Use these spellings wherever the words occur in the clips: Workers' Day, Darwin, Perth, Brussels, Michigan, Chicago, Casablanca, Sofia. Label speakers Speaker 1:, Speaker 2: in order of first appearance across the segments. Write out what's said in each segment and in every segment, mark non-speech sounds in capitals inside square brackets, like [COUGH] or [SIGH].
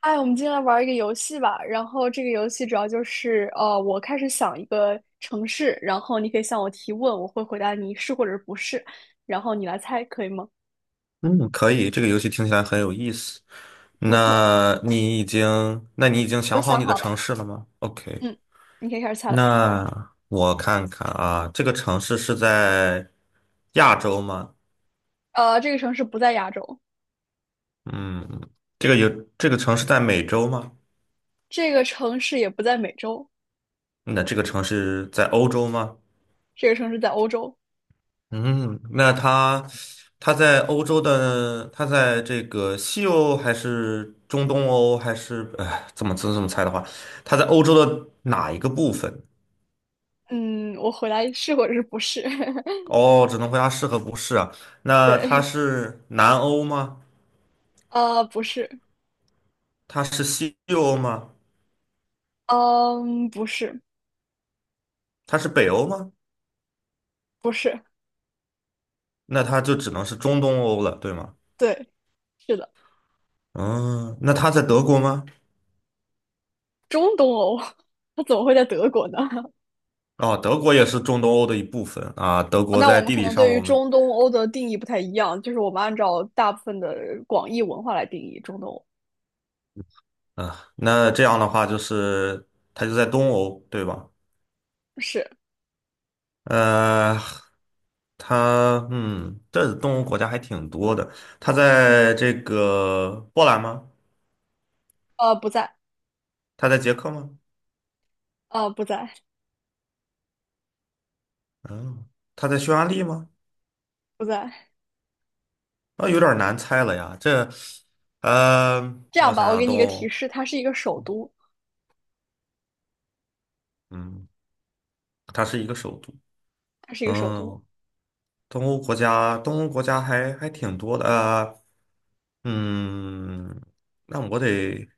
Speaker 1: 哎，我们今天来玩儿一个游戏吧。然后这个游戏主要就是，我开始想一个城市，然后你可以向我提问，我会回答你是或者是不是，然后你来猜，可以吗？
Speaker 2: 嗯，可以，这个游戏听起来很有意思。
Speaker 1: 不错，
Speaker 2: 那你已经
Speaker 1: 我
Speaker 2: 想好
Speaker 1: 想
Speaker 2: 你的
Speaker 1: 好了，
Speaker 2: 城市了吗？OK，
Speaker 1: 嗯，你可以开始猜了。
Speaker 2: 那我看看啊，这个城市是在亚洲吗？
Speaker 1: 这个城市不在亚洲，
Speaker 2: 嗯，这个有，这个城市在美洲吗？
Speaker 1: 这个城市也不在美洲，
Speaker 2: 那这个城市在欧洲吗？
Speaker 1: 这个城市在欧洲。
Speaker 2: 嗯，它在这个西欧还是中东欧还是，哎，怎么猜的话，它在欧洲的哪一个部分？
Speaker 1: 嗯，我回答是或者是不是？[LAUGHS]
Speaker 2: 哦，只能回答是和不是啊。那它
Speaker 1: 对，
Speaker 2: 是南欧吗？
Speaker 1: 不是，
Speaker 2: 它是西欧吗？
Speaker 1: 嗯，不是，
Speaker 2: 它是北欧吗？
Speaker 1: 不是，
Speaker 2: 那它就只能是中东欧了，对吗？
Speaker 1: 对，是的，
Speaker 2: 嗯，那它在德国吗？
Speaker 1: 中东欧，[LAUGHS] 它怎么会在德国呢？
Speaker 2: 哦，德国也是中东欧的一部分啊。德国
Speaker 1: 那我
Speaker 2: 在
Speaker 1: 们
Speaker 2: 地
Speaker 1: 可
Speaker 2: 理
Speaker 1: 能
Speaker 2: 上，
Speaker 1: 对于
Speaker 2: 我们
Speaker 1: 中东欧的定义不太一样，就是我们按照大部分的广义文化来定义中东欧。
Speaker 2: 啊，那这样的话就是它就在东欧，对吧？
Speaker 1: 是，
Speaker 2: 呃，这东欧国家还挺多的。它在这个波兰吗？
Speaker 1: 不在，
Speaker 2: 它在捷克吗？
Speaker 1: 不在，
Speaker 2: 嗯，它在匈牙利吗？
Speaker 1: 不在。
Speaker 2: 那有点难猜了呀。呃，
Speaker 1: 这
Speaker 2: 那
Speaker 1: 样
Speaker 2: 我想
Speaker 1: 吧，我
Speaker 2: 想，
Speaker 1: 给你一
Speaker 2: 东
Speaker 1: 个提
Speaker 2: 欧，
Speaker 1: 示，它是一个首都，
Speaker 2: 嗯，它是一个首都。
Speaker 1: 它是一个首都，
Speaker 2: 嗯，东欧国家还挺多的。嗯，那我得，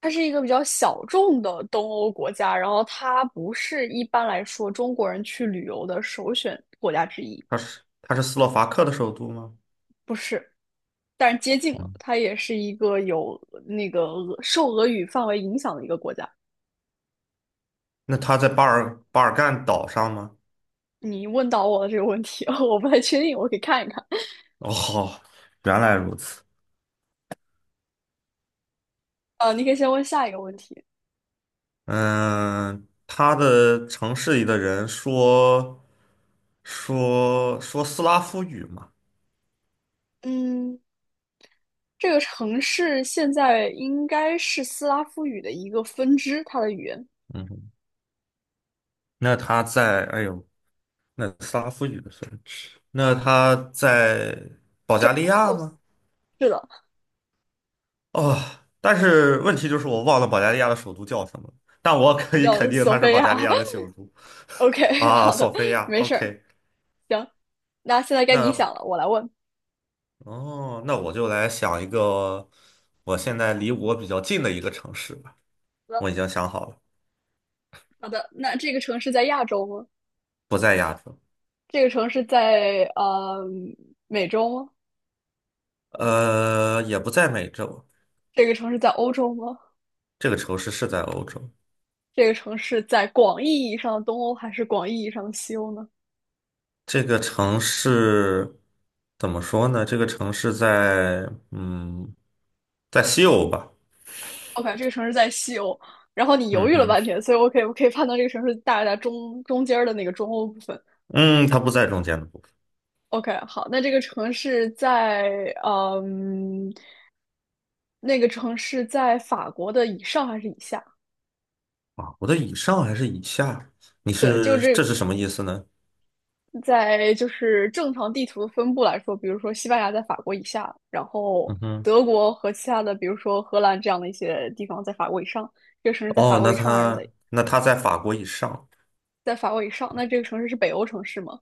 Speaker 1: 它是一个比较小众的东欧国家，然后它不是一般来说中国人去旅游的首选国家之一，
Speaker 2: 它是斯洛伐克的首都吗？
Speaker 1: 不是，但是接近了，
Speaker 2: 嗯，
Speaker 1: 它也是一个有那个俄受俄语范围影响的一个国家。
Speaker 2: 那它在巴尔干岛上吗？
Speaker 1: 你问到我的这个问题，[LAUGHS] 我不太确定，我可以看一看。
Speaker 2: [LAUGHS] 哦，原来如此。
Speaker 1: 你可以先问下一个问题。
Speaker 2: 嗯，它的城市里的人说斯拉夫语嘛。
Speaker 1: 嗯，这个城市现在应该是斯拉夫语的一个分支，它的语言
Speaker 2: 嗯哼，那他在，哎呦，那斯拉夫语的算是，那他在保
Speaker 1: 就
Speaker 2: 加
Speaker 1: 是
Speaker 2: 利
Speaker 1: 它
Speaker 2: 亚
Speaker 1: 受
Speaker 2: 吗？
Speaker 1: 是的，
Speaker 2: 哦，但是问题就是我忘了保加利亚的首都叫什么，但我可
Speaker 1: 它
Speaker 2: 以肯
Speaker 1: 叫
Speaker 2: 定
Speaker 1: 索
Speaker 2: 它是
Speaker 1: 菲
Speaker 2: 保加利
Speaker 1: 亚。
Speaker 2: 亚的首都
Speaker 1: [LAUGHS] OK，
Speaker 2: 啊，
Speaker 1: 好的，
Speaker 2: 索菲亚。
Speaker 1: 没事儿，
Speaker 2: OK，
Speaker 1: 行。那现在该你
Speaker 2: 那
Speaker 1: 想了，我来问。
Speaker 2: 哦，那我就来想一个我现在离我比较近的一个城市吧，
Speaker 1: 好的，
Speaker 2: 我已经想好了，
Speaker 1: 好的。那这个城市在亚洲吗？
Speaker 2: 不在亚洲，
Speaker 1: 这个城市在美洲吗？
Speaker 2: 也不在美洲，
Speaker 1: 这个城市在欧洲吗？
Speaker 2: 这个城市是在欧洲，
Speaker 1: 这个城市在广义意义上的东欧还是广义意义上的西欧呢？
Speaker 2: 这个城市怎么说呢？这个城市在西欧吧，
Speaker 1: OK，这个城市在西欧，然后你犹
Speaker 2: 嗯
Speaker 1: 豫了
Speaker 2: 哼，
Speaker 1: 半天，所以我可以判断这个城市大概在中间的那个中欧部分。
Speaker 2: 嗯，它不在中间的部分
Speaker 1: OK，好，那这个城市在嗯，那个城市在法国的以上还是以下？
Speaker 2: 啊。我的以上还是以下？你
Speaker 1: 对，就
Speaker 2: 是这
Speaker 1: 是
Speaker 2: 是什么意思呢？
Speaker 1: 这在就是正常地图的分布来说，比如说西班牙在法国以下，然后
Speaker 2: 嗯哼，
Speaker 1: 德国和其他的，比如说荷兰这样的一些地方在法国以上。这个城市在法
Speaker 2: 哦，
Speaker 1: 国
Speaker 2: 那
Speaker 1: 以上还是在
Speaker 2: 它那它在法国以上，
Speaker 1: 在法国以上？那这个城市是北欧城市吗？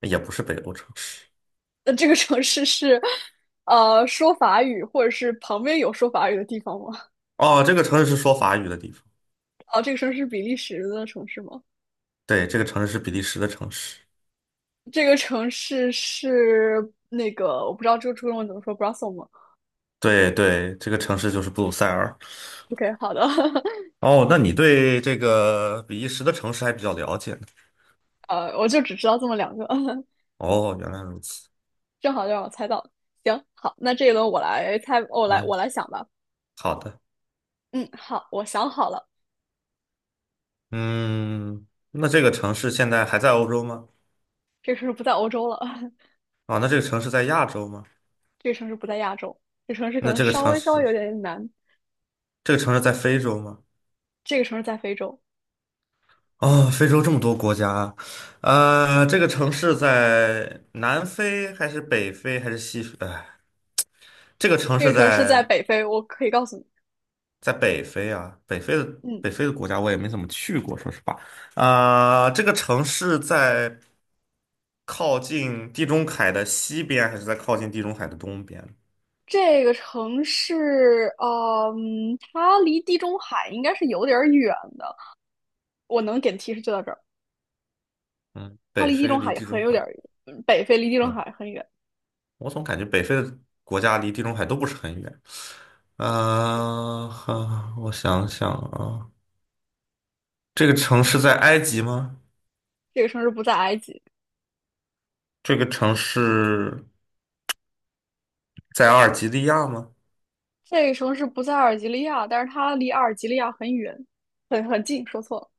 Speaker 2: 也不是北欧城市。
Speaker 1: 那这个城市是说法语，或者是旁边有说法语的地方吗？
Speaker 2: 哦，这个城市是说法语的地方。
Speaker 1: 哦，这个城市是比利时的城市吗？
Speaker 2: 对，这个城市是比利时的城市。
Speaker 1: 这个城市是那个我不知道这个中文怎么说，Brussels 吗
Speaker 2: 对对，这个城市就是布鲁塞尔。
Speaker 1: ？OK，好的，
Speaker 2: 哦，那你对这个比利时的城市还比较了解呢。
Speaker 1: [LAUGHS] 我就只知道这么两个，[LAUGHS]
Speaker 2: 哦，原来如此。
Speaker 1: 正好就让我猜到了。行，好，那这一轮我来猜，我来
Speaker 2: 嗯，
Speaker 1: 我来想吧。
Speaker 2: 好的，
Speaker 1: 嗯，好，我想好了，
Speaker 2: 嗯，那这个城市现在还在欧洲吗？
Speaker 1: 这个城市不在欧洲了，
Speaker 2: 啊，那这个城市在亚洲吗？
Speaker 1: [LAUGHS] 这个城市不在亚洲，这个城市可
Speaker 2: 那
Speaker 1: 能
Speaker 2: 这个
Speaker 1: 稍
Speaker 2: 城
Speaker 1: 微稍微
Speaker 2: 市，
Speaker 1: 有点难，
Speaker 2: 这个城市在非洲吗？
Speaker 1: 这个城市在非洲，
Speaker 2: 哦，非洲这么多国家啊，这个城市在南非还是北非还是西非？哎，这个城
Speaker 1: 这
Speaker 2: 市
Speaker 1: 个城市在
Speaker 2: 在
Speaker 1: 北非，我可以告诉你。
Speaker 2: 在北非啊，北非的
Speaker 1: 嗯，
Speaker 2: 北非的国家我也没怎么去过，说实话。啊，这个城市在靠近地中海的西边，还是在靠近地中海的东边？
Speaker 1: 这个城市，嗯，它离地中海应该是有点儿远的。我能给的提示就到这儿，
Speaker 2: 嗯，
Speaker 1: 它
Speaker 2: 北
Speaker 1: 离地
Speaker 2: 非
Speaker 1: 中
Speaker 2: 离
Speaker 1: 海也
Speaker 2: 地
Speaker 1: 很
Speaker 2: 中
Speaker 1: 有
Speaker 2: 海，
Speaker 1: 点儿远，北非离地中
Speaker 2: 嗯，
Speaker 1: 海很远。
Speaker 2: 我总感觉北非的国家离地中海都不是很远。啊、哈，我想想啊，这个城市在埃及吗？
Speaker 1: 这个城市不在埃及，
Speaker 2: 这个城市在阿尔及利亚吗？
Speaker 1: 这个城市不在阿尔及利亚，但是它离阿尔及利亚很远，很近。说错了，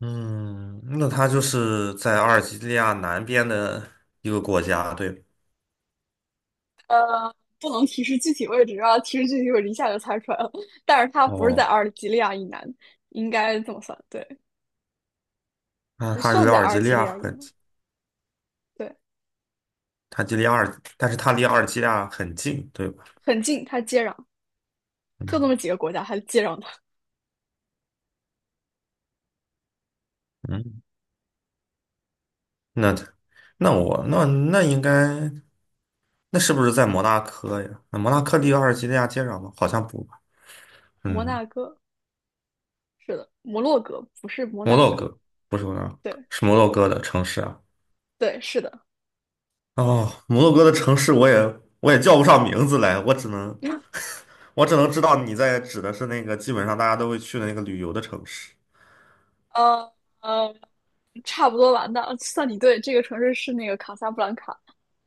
Speaker 2: 嗯，那它就是在阿尔及利亚南边的一个国家，对吧？
Speaker 1: 不能提示具体位置啊，提示具体位置一下就猜出来了。[LAUGHS] 但是它不是在
Speaker 2: 哦，
Speaker 1: 阿尔及利亚以南，应该这么算，对，
Speaker 2: 那
Speaker 1: 不
Speaker 2: 它离
Speaker 1: 算
Speaker 2: 阿
Speaker 1: 在
Speaker 2: 尔
Speaker 1: 阿
Speaker 2: 及
Speaker 1: 尔
Speaker 2: 利
Speaker 1: 及利
Speaker 2: 亚
Speaker 1: 亚以
Speaker 2: 很
Speaker 1: 南，
Speaker 2: 近，
Speaker 1: 对，
Speaker 2: 它距离阿尔，但是它离阿尔及利亚很近，对吧？
Speaker 1: 很近，它接壤，就
Speaker 2: 嗯
Speaker 1: 那么几个国家还接壤它，
Speaker 2: 嗯，那那我那那应该。那是不是在摩纳哥呀？那摩纳哥离阿尔及利亚接壤吗？好像不吧。
Speaker 1: 摩
Speaker 2: 嗯，
Speaker 1: 纳哥。是的，摩洛哥不是摩
Speaker 2: 摩
Speaker 1: 纳
Speaker 2: 洛
Speaker 1: 哥。
Speaker 2: 哥不是摩纳哥，
Speaker 1: 对
Speaker 2: 是摩洛哥的城市啊。
Speaker 1: 对，是的。
Speaker 2: 哦，摩洛哥的城市我也叫不上名字来，我只能
Speaker 1: [LAUGHS]
Speaker 2: 我只能知道你在指的是那个基本上大家都会去的那个旅游的城市。
Speaker 1: 呃呃，差不多吧。那算你对，这个城市是那个卡萨布兰卡，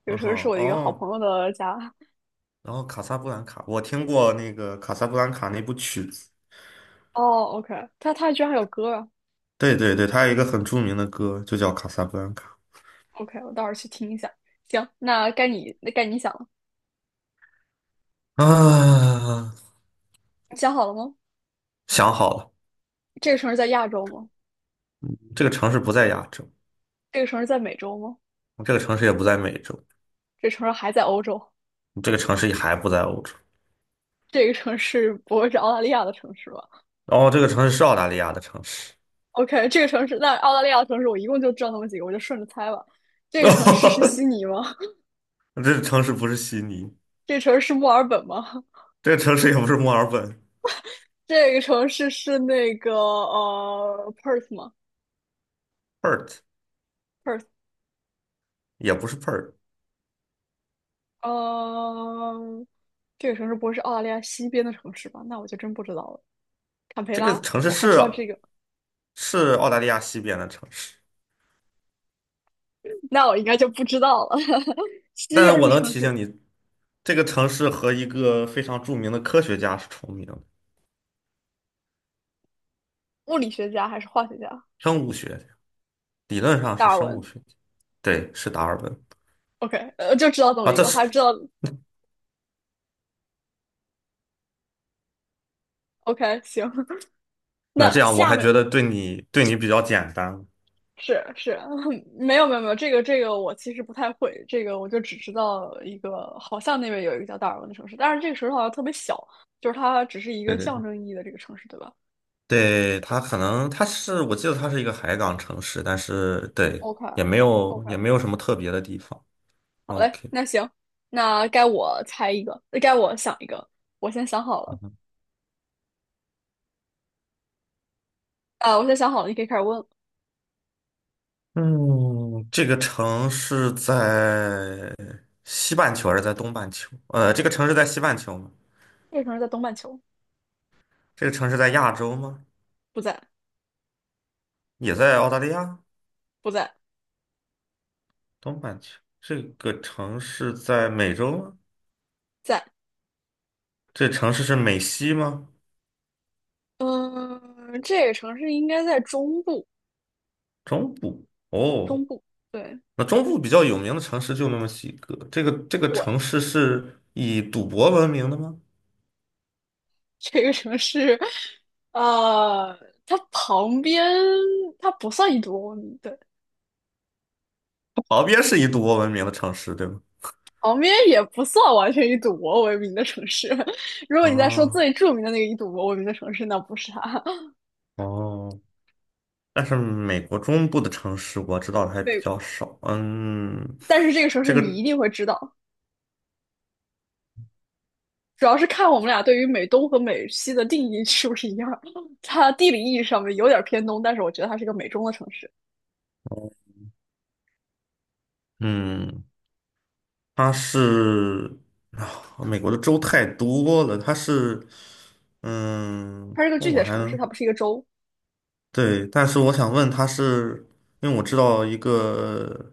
Speaker 1: 这
Speaker 2: 嗯
Speaker 1: 个城市是
Speaker 2: 好，
Speaker 1: 我的一个好朋
Speaker 2: 哦，
Speaker 1: 友的家。
Speaker 2: 然后卡萨布兰卡，我听过那个卡萨布兰卡那部曲子。
Speaker 1: 哦，OK，他他居然还有歌啊
Speaker 2: 对对对，它有一个很著名的歌，就叫《卡萨布兰卡》
Speaker 1: ！OK，我到时候去听一下。行，那该你想了，
Speaker 2: 啊。
Speaker 1: 你想好了吗？
Speaker 2: 想好了，
Speaker 1: 这个城市在亚洲吗？
Speaker 2: 这个城市不在亚洲，
Speaker 1: 这个城市在美洲吗？
Speaker 2: 这个城市也不在美洲，
Speaker 1: 这个城市还在欧洲？
Speaker 2: 这个城市还不在欧洲，
Speaker 1: 这个城市不会是澳大利亚的城市吧？
Speaker 2: 然后这个城市是澳大利亚的城市。
Speaker 1: OK，这个城市，那澳大利亚的城市，我一共就知道那么几个，我就顺着猜吧。这
Speaker 2: [LAUGHS]
Speaker 1: 个
Speaker 2: 哦，
Speaker 1: 城市是悉尼吗？
Speaker 2: 这个城市不是悉尼，
Speaker 1: [LAUGHS] 这个城市是墨尔本吗？
Speaker 2: 这个城市也不是墨尔本
Speaker 1: 这个城市是那个Perth 吗
Speaker 2: ，Perth
Speaker 1: ？Perth，
Speaker 2: 也不是 Perth，
Speaker 1: 呃，这个城市不会是澳大利亚西边的城市吧？那我就真不知道了。坎培
Speaker 2: 这个
Speaker 1: 拉，
Speaker 2: 城市
Speaker 1: 我还
Speaker 2: 是
Speaker 1: 知道这个，
Speaker 2: 是澳大利亚西边的城市，
Speaker 1: 那我应该就不知道了。[LAUGHS] 西
Speaker 2: 但
Speaker 1: 边的
Speaker 2: 我能
Speaker 1: 城
Speaker 2: 提醒
Speaker 1: 市，
Speaker 2: 你，这个城市和一个非常著名的科学家是重名的，
Speaker 1: 物理学家还是化学家？
Speaker 2: 生物学家理论上
Speaker 1: 达
Speaker 2: 是
Speaker 1: 尔
Speaker 2: 生物
Speaker 1: 文。
Speaker 2: 学家，对，是达尔文
Speaker 1: OK，就知道这么
Speaker 2: 啊。
Speaker 1: 一个，还知道。OK，行。[LAUGHS]
Speaker 2: 那这
Speaker 1: 那
Speaker 2: 样我
Speaker 1: 下
Speaker 2: 还觉
Speaker 1: 面。
Speaker 2: 得对你比较简单，
Speaker 1: 是是，[LAUGHS] 没有，这个这个我其实不太会，这个我就只知道一个，好像那边有一个叫达尔文的城市，但是这个城市好像特别小，就是它只是一
Speaker 2: 对
Speaker 1: 个
Speaker 2: 对
Speaker 1: 象
Speaker 2: 对
Speaker 1: 征意义的这个城市，对吧
Speaker 2: 对，它可能是，我记得它是一个海港城市，但是对，
Speaker 1: ？OK
Speaker 2: 也没有
Speaker 1: OK，
Speaker 2: 也没有什么特别的地方。
Speaker 1: 好嘞，
Speaker 2: OK，
Speaker 1: 那行，那该我猜一个，该我想一个，我先想好了，
Speaker 2: 嗯
Speaker 1: 啊，我先想好了，你可以开始问了。
Speaker 2: 嗯，这个城市在西半球还是在东半球？这个城市在西半球吗？
Speaker 1: 这个城市在东半球，
Speaker 2: 这个城市在亚洲吗？
Speaker 1: 不在，
Speaker 2: 也在澳大利亚
Speaker 1: 不在，
Speaker 2: 东半球。这个城市在美洲吗？
Speaker 1: 在，
Speaker 2: 这城市是美西吗？
Speaker 1: 嗯，这个城市应该在中部，
Speaker 2: 中部。哦，
Speaker 1: 中部，对。
Speaker 2: 那中部比较有名的城市就那么几个。这个城市是以赌博闻名的吗？
Speaker 1: 这个城市，呃，它旁边它不算一博欧名，对，
Speaker 2: 它旁边是以赌博闻名的城市，对吗？
Speaker 1: 旁边也不算完全以赌博为名的城市。[LAUGHS] 如果你在说
Speaker 2: 哦
Speaker 1: 最著名的那个以赌博闻名的城市，那不是它。
Speaker 2: 哦，但是美国中部的城市我知道的
Speaker 1: [LAUGHS]
Speaker 2: 还比
Speaker 1: 对，
Speaker 2: 较少。嗯，
Speaker 1: 但是这个城市
Speaker 2: 这个，
Speaker 1: 你一定会知道，主要是看我们俩对于美东和美西的定义是不是一样。[LAUGHS] 它地理意义上面有点偏东，但是我觉得它是一个美中的城市，
Speaker 2: 嗯，它是啊美国的州太多了，它是，
Speaker 1: 它是个具体
Speaker 2: 我
Speaker 1: 的
Speaker 2: 还
Speaker 1: 城市，它不是一个州。
Speaker 2: 对，但是我想问他是，因为我知道一个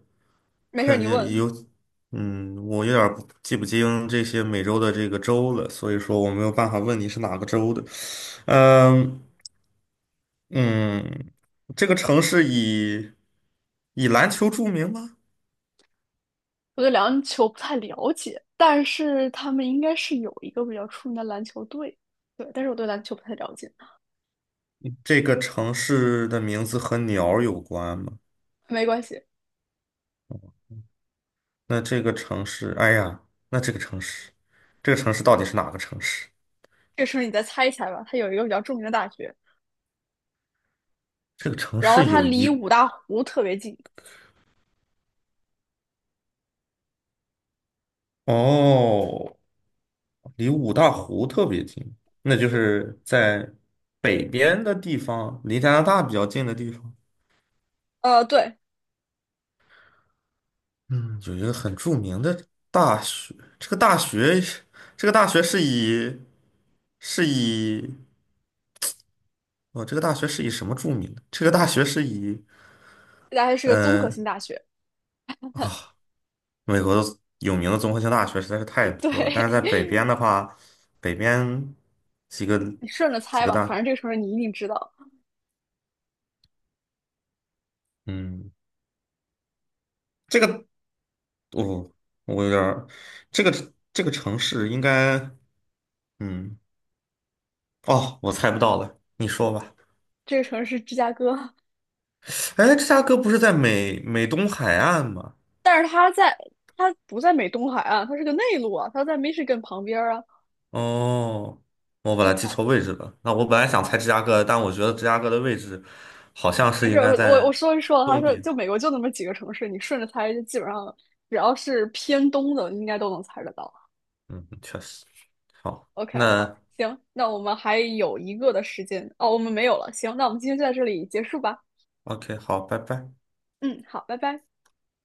Speaker 1: 没事儿，
Speaker 2: 很
Speaker 1: 你问。
Speaker 2: 有，我有点儿不记不清这些美洲的这个州了，所以说我没有办法问你是哪个州的。嗯嗯，这个城市以篮球著名吗？
Speaker 1: 我对篮球不太了解，但是他们应该是有一个比较出名的篮球队，对，但是我对篮球不太了解，
Speaker 2: 这个城市的名字和鸟儿有关吗？
Speaker 1: 没关系，
Speaker 2: 那这个城市，哎呀，那这个城市，这个城市到底是哪个城市？
Speaker 1: 这个时候你再猜一猜吧。它有一个比较著名的大学，
Speaker 2: 这个城
Speaker 1: 然后
Speaker 2: 市
Speaker 1: 它
Speaker 2: 有
Speaker 1: 离
Speaker 2: 一，
Speaker 1: 五大湖特别近，
Speaker 2: 哦。离五大湖特别近，那就是在北边的地方，离加拿大比较近的地方。
Speaker 1: 对，
Speaker 2: 嗯，有一个很著名的大学，这个大学，这个大学是以是以哦，这个大学是以什么著名的？这个大学是以
Speaker 1: 这大学是个综合
Speaker 2: 呃，
Speaker 1: 性大学，
Speaker 2: 美国的有名的综合性大学实在是太
Speaker 1: [LAUGHS] 对，
Speaker 2: 多了，但是在北边的话，北边几个
Speaker 1: 你顺着
Speaker 2: 几
Speaker 1: 猜
Speaker 2: 个
Speaker 1: 吧，反
Speaker 2: 大，
Speaker 1: 正这个城市你一定知道，
Speaker 2: 嗯。这个哦，我有点儿，这个这个城市应该，嗯，哦，我猜不到了，你说吧。
Speaker 1: 这个城市是芝加哥，
Speaker 2: 哎，芝加哥不是在美东海岸吗？
Speaker 1: 但是它在它不在美东海岸，它是个内陆啊，它在 Michigan 旁边儿啊，
Speaker 2: 哦，我本来记错位置了。那我本来想猜
Speaker 1: 啊，
Speaker 2: 芝加哥，但我觉得芝加哥的位置好像
Speaker 1: 没
Speaker 2: 是
Speaker 1: 事，
Speaker 2: 应
Speaker 1: 我
Speaker 2: 该
Speaker 1: 我
Speaker 2: 在
Speaker 1: 我说一说了他
Speaker 2: 东
Speaker 1: 说
Speaker 2: 边。
Speaker 1: 就美国就那么几个城市，你顺着猜，就基本上只要是偏东的，应该都能猜得到。
Speaker 2: 嗯，确实。好，
Speaker 1: OK，好，
Speaker 2: 那
Speaker 1: 行，那我们还有一个的时间，哦，我们没有了，行，那我们今天就在这里结束吧。
Speaker 2: OK，好，拜拜。
Speaker 1: 嗯，好，拜拜。